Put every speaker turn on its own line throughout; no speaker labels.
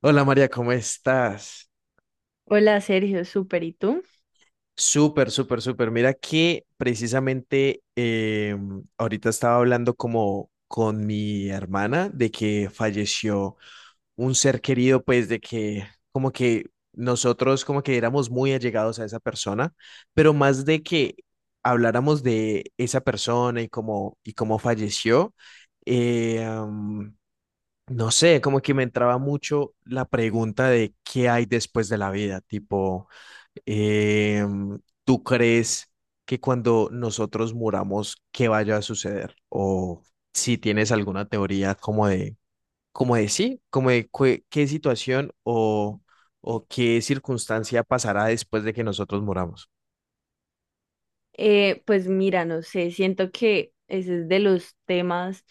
Hola María, ¿cómo estás?
Hola Sergio, súper, ¿y tú?
Súper, súper, súper. Mira que precisamente ahorita estaba hablando como con mi hermana de que falleció un ser querido, pues de que como que nosotros como que éramos muy allegados a esa persona, pero más de que habláramos de esa persona y cómo falleció, eh, am, no sé, como que me entraba mucho la pregunta de qué hay después de la vida, tipo. Eh, ¿Tú crees que cuando nosotros muramos, qué vaya a suceder? O si tienes alguna teoría como de sí, como de qué situación o qué circunstancia pasará después de que nosotros muramos.
Pues mira, no sé, siento que ese es de los temas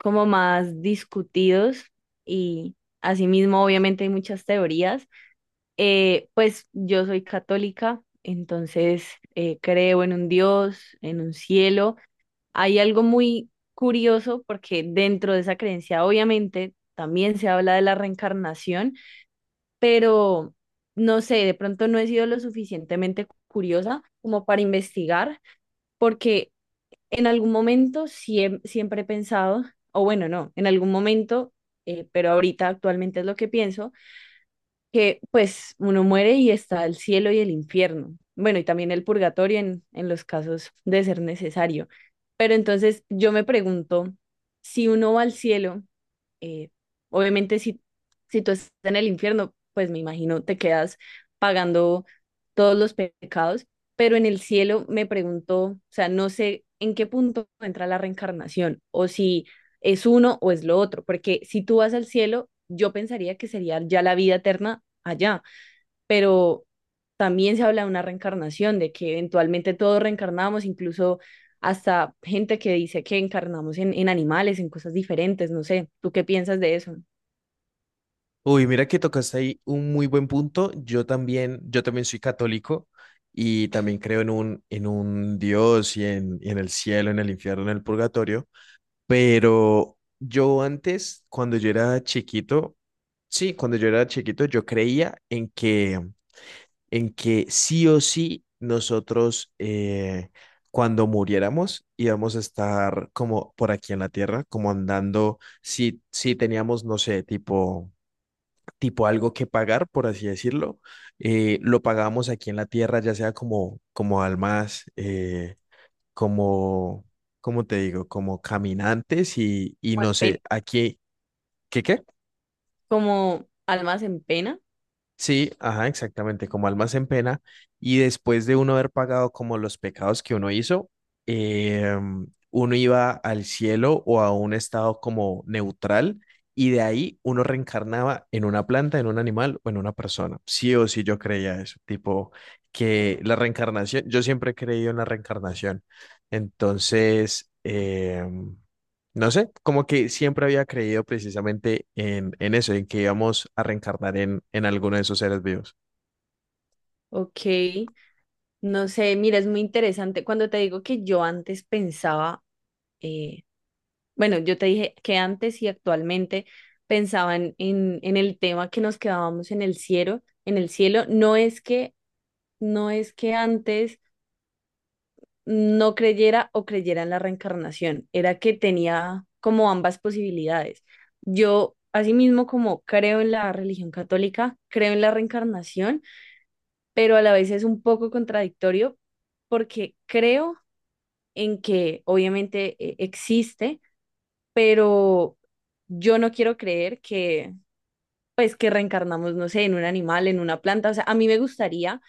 como más discutidos y asimismo obviamente hay muchas teorías. Pues yo soy católica, entonces creo en un Dios, en un cielo. Hay algo muy curioso porque dentro de esa creencia obviamente también se habla de la reencarnación, pero no sé, de pronto no he sido lo suficientemente curiosa como para investigar, porque en algún momento siempre he pensado, o bueno, no, en algún momento, pero ahorita actualmente es lo que pienso, que pues uno muere y está el cielo y el infierno, bueno, y también el purgatorio en los casos de ser necesario. Pero entonces yo me pregunto, si uno va al cielo, eh, obviamente, si tú estás en el infierno, pues me imagino te quedas pagando todos los pecados, pero en el cielo me pregunto, o sea, no sé en qué punto entra la reencarnación o si es uno o es lo otro, porque si tú vas al cielo, yo pensaría que sería ya la vida eterna allá, pero también se habla de una reencarnación, de que eventualmente todos reencarnamos, incluso hasta gente que dice que encarnamos en animales, en cosas diferentes, no sé, ¿tú qué piensas de eso?
Uy, mira que tocaste ahí un muy buen punto. Yo también soy católico y también creo en un Dios y en el cielo, en el infierno, en el purgatorio. Pero yo antes, cuando yo era chiquito, sí, cuando yo era chiquito, yo creía en que sí o sí nosotros, cuando muriéramos, íbamos a estar como por aquí en la tierra, como andando, si, si teníamos, no sé, tipo, tipo algo que pagar, por así decirlo, lo pagábamos aquí en la tierra, ya sea como, como almas. Como, ¿Cómo te digo? Como caminantes y
Pues,
no sé,
ve-
aquí, ¿qué qué?
Como almas en pena.
Sí, ajá, exactamente, como almas en pena. Y después de uno haber pagado como los pecados que uno hizo, uno iba al cielo o a un estado como neutral y de ahí uno reencarnaba en una planta, en un animal o en una persona. Sí o sí yo creía eso, tipo que la reencarnación, yo siempre he creído en la reencarnación. Entonces, no sé, como que siempre había creído precisamente en eso, en que íbamos a reencarnar en alguno de esos seres vivos.
Ok, no sé, mira, es muy interesante. Cuando te digo que yo antes pensaba, eh, bueno, yo te dije que antes y actualmente pensaba en el tema que nos quedábamos en el cielo, no es que antes no creyera o creyera en la reencarnación. Era que tenía como ambas posibilidades. Yo, asimismo, como creo en la religión católica, creo en la reencarnación, pero a la vez es un poco contradictorio porque creo en que obviamente existe, pero yo no quiero creer que pues que reencarnamos, no sé, en un animal, en una planta. O sea, a mí me gustaría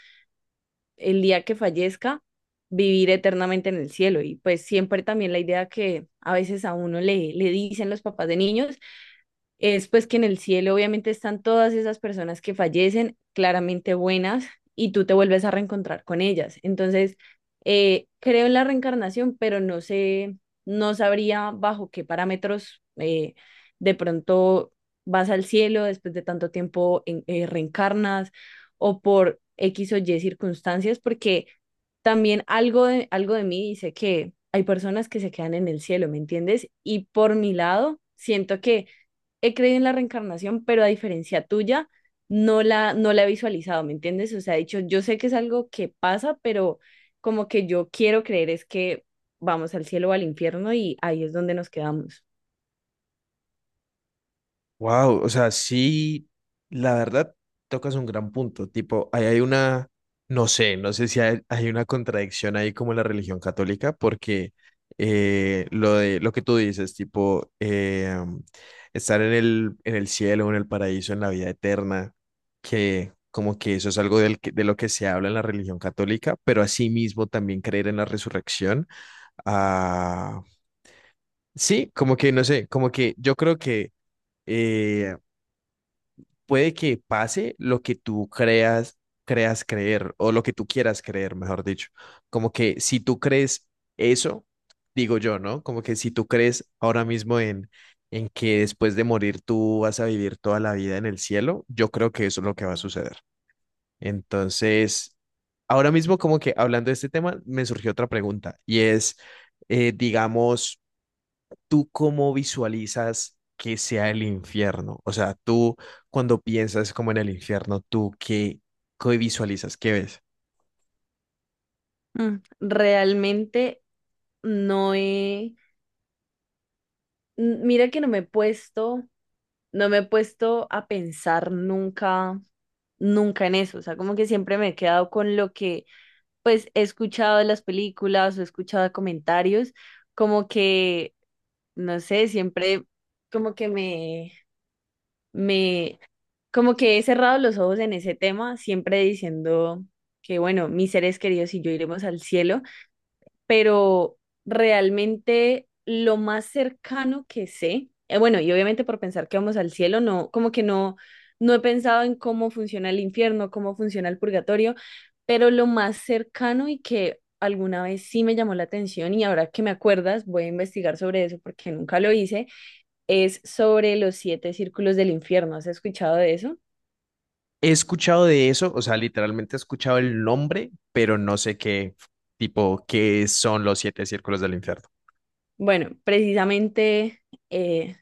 el día que fallezca, vivir eternamente en el cielo. Y pues siempre también la idea que a veces a uno le dicen los papás de niños es pues que en el cielo obviamente están todas esas personas que fallecen, claramente buenas, y tú te vuelves a reencontrar con ellas. Entonces, creo en la reencarnación, pero no sé, no sabría bajo qué parámetros de pronto vas al cielo después de tanto tiempo reencarnas o por X o Y circunstancias, porque también algo de mí dice que hay personas que se quedan en el cielo, ¿me entiendes? Y por mi lado, siento que he creído en la reencarnación, pero a diferencia tuya, no la he visualizado, ¿me entiendes? O sea, he dicho, yo sé que es algo que pasa, pero como que yo quiero creer es que vamos al cielo o al infierno y ahí es donde nos quedamos.
Wow, o sea, sí, la verdad, tocas un gran punto. Tipo, ahí hay una, no sé, no sé si hay una contradicción ahí como en la religión católica, porque lo de lo que tú dices, tipo, estar en el cielo, en el paraíso, en la vida eterna, que como que eso es algo de lo que se habla en la religión católica, pero asimismo también creer en la resurrección. Ah, sí, como que, no sé, como que yo creo que, eh, puede que pase lo que tú creas, creas creer, o lo que tú quieras creer, mejor dicho. Como que si tú crees eso, digo yo, ¿no? Como que si tú crees ahora mismo en que después de morir tú vas a vivir toda la vida en el cielo, yo creo que eso es lo que va a suceder. Entonces, ahora mismo como que hablando de este tema, me surgió otra pregunta y es, digamos, ¿tú cómo visualizas que sea el infierno? O sea, tú cuando piensas como en el infierno, ¿tú qué, qué visualizas? ¿Qué ves?
Realmente no he, n- mira que no me he puesto a pensar nunca, nunca en eso. O sea, como que siempre me he quedado con lo que, pues, he escuchado de las películas o he escuchado de comentarios, como que, no sé, siempre como que me, me, como que he cerrado los ojos en ese tema, siempre diciendo que, bueno, mis seres queridos y yo iremos al cielo, pero realmente lo más cercano que sé, bueno, y obviamente por pensar que vamos al cielo, no, como que no, no he pensado en cómo funciona el infierno, cómo funciona el purgatorio, pero lo más cercano y que alguna vez sí me llamó la atención y ahora que me acuerdas voy a investigar sobre eso porque nunca lo hice, es sobre los siete círculos del infierno. ¿Has escuchado de eso?
He escuchado de eso, o sea, literalmente he escuchado el nombre, pero no sé qué tipo, qué son los 7 círculos del infierno.
Bueno, precisamente eh,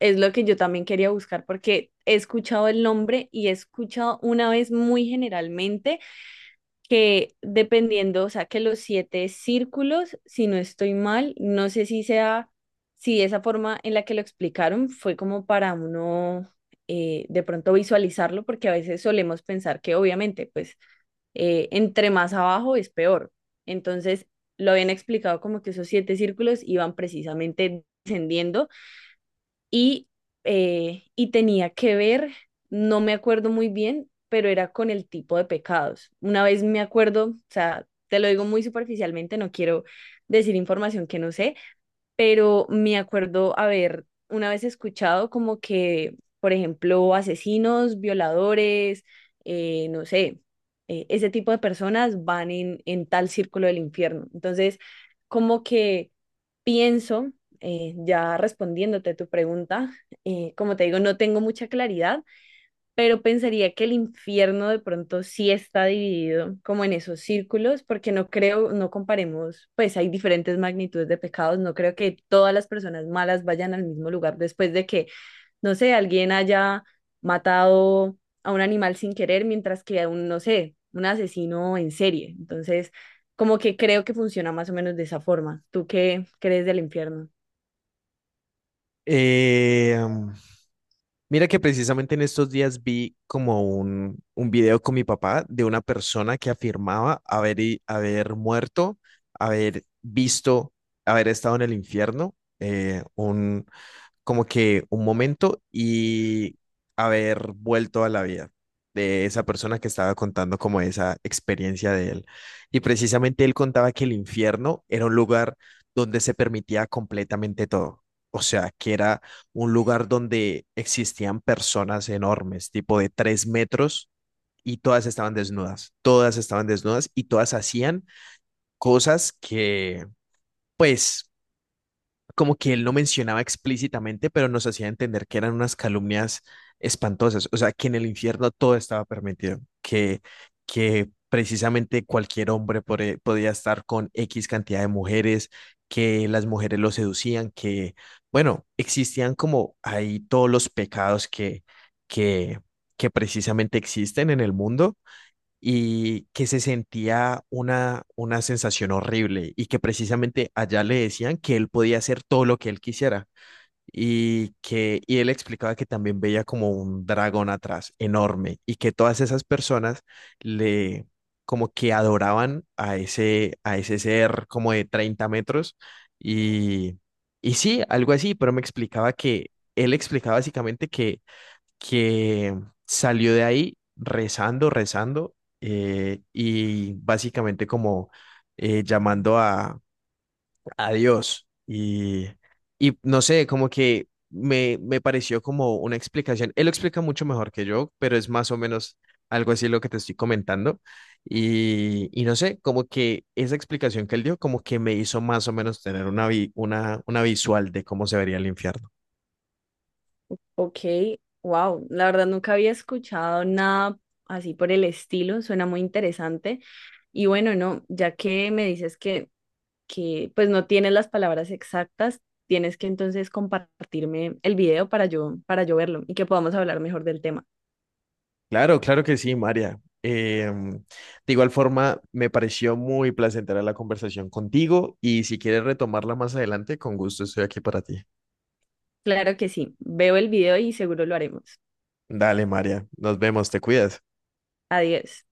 es lo que yo también quería buscar porque he escuchado el nombre y he escuchado una vez muy generalmente que dependiendo, o sea, que los siete círculos, si no estoy mal, no sé si sea, si esa forma en la que lo explicaron fue como para uno de pronto visualizarlo porque a veces solemos pensar que obviamente, pues, entre más abajo es peor. Entonces, lo habían explicado como que esos siete círculos iban precisamente descendiendo y, y tenía que ver, no me acuerdo muy bien, pero era con el tipo de pecados. Una vez me acuerdo, o sea, te lo digo muy superficialmente, no quiero decir información que no sé, pero me acuerdo haber una vez escuchado como que, por ejemplo, asesinos, violadores, no sé, ese tipo de personas van en tal círculo del infierno. Entonces, como que pienso, ya respondiéndote a tu pregunta, como te digo, no tengo mucha claridad, pero pensaría que el infierno de pronto sí está dividido como en esos círculos, porque no creo, no comparemos, pues hay diferentes magnitudes de pecados, no creo que todas las personas malas vayan al mismo lugar después de que, no sé, alguien haya matado a un animal sin querer, mientras que a un, no sé, un asesino en serie. Entonces, como que creo que funciona más o menos de esa forma. ¿Tú qué crees del infierno?
Eh, Mira que precisamente en estos días vi como un video con mi papá de una persona que afirmaba haber, haber muerto, haber visto, haber estado en el infierno, un, como que un momento y haber vuelto a la vida de esa persona que estaba contando como esa experiencia de él. Y precisamente él contaba que el infierno era un lugar donde se permitía completamente todo. O sea, que era un lugar donde existían personas enormes, tipo de 3 metros, y todas estaban desnudas y todas hacían cosas que, pues, como que él no mencionaba explícitamente, pero nos hacía entender que eran unas calumnias espantosas, o sea, que en el infierno todo estaba permitido, que precisamente cualquier hombre podía estar con X cantidad de mujeres, que las mujeres lo seducían, que, bueno, existían como ahí todos los pecados que, que precisamente existen en el mundo y que se sentía una sensación horrible y que precisamente allá le decían que él podía hacer todo lo que él quisiera y que y él explicaba que también veía como un dragón atrás enorme y que todas esas personas le como que adoraban a ese ser como de 30 metros y y sí, algo así, pero me explicaba que él explicaba básicamente que salió de ahí rezando, rezando y básicamente como llamando a Dios. Y no sé, como que me pareció como una explicación. Él lo explica mucho mejor que yo, pero es más o menos algo así lo que te estoy comentando. Y no sé, como que esa explicación que él dio, como que me hizo más o menos tener una, una visual de cómo se vería el infierno.
Ok, wow, la verdad nunca había escuchado nada así por el estilo, suena muy interesante. Y bueno, no, ya que me dices que pues no tienes las palabras exactas, tienes que entonces compartirme el video para yo, verlo y que podamos hablar mejor del tema.
Claro, claro que sí, María. De igual forma, me pareció muy placentera la conversación contigo y si quieres retomarla más adelante, con gusto estoy aquí para ti.
Claro que sí, veo el video y seguro lo haremos.
Dale, María, nos vemos, te cuidas.
Adiós.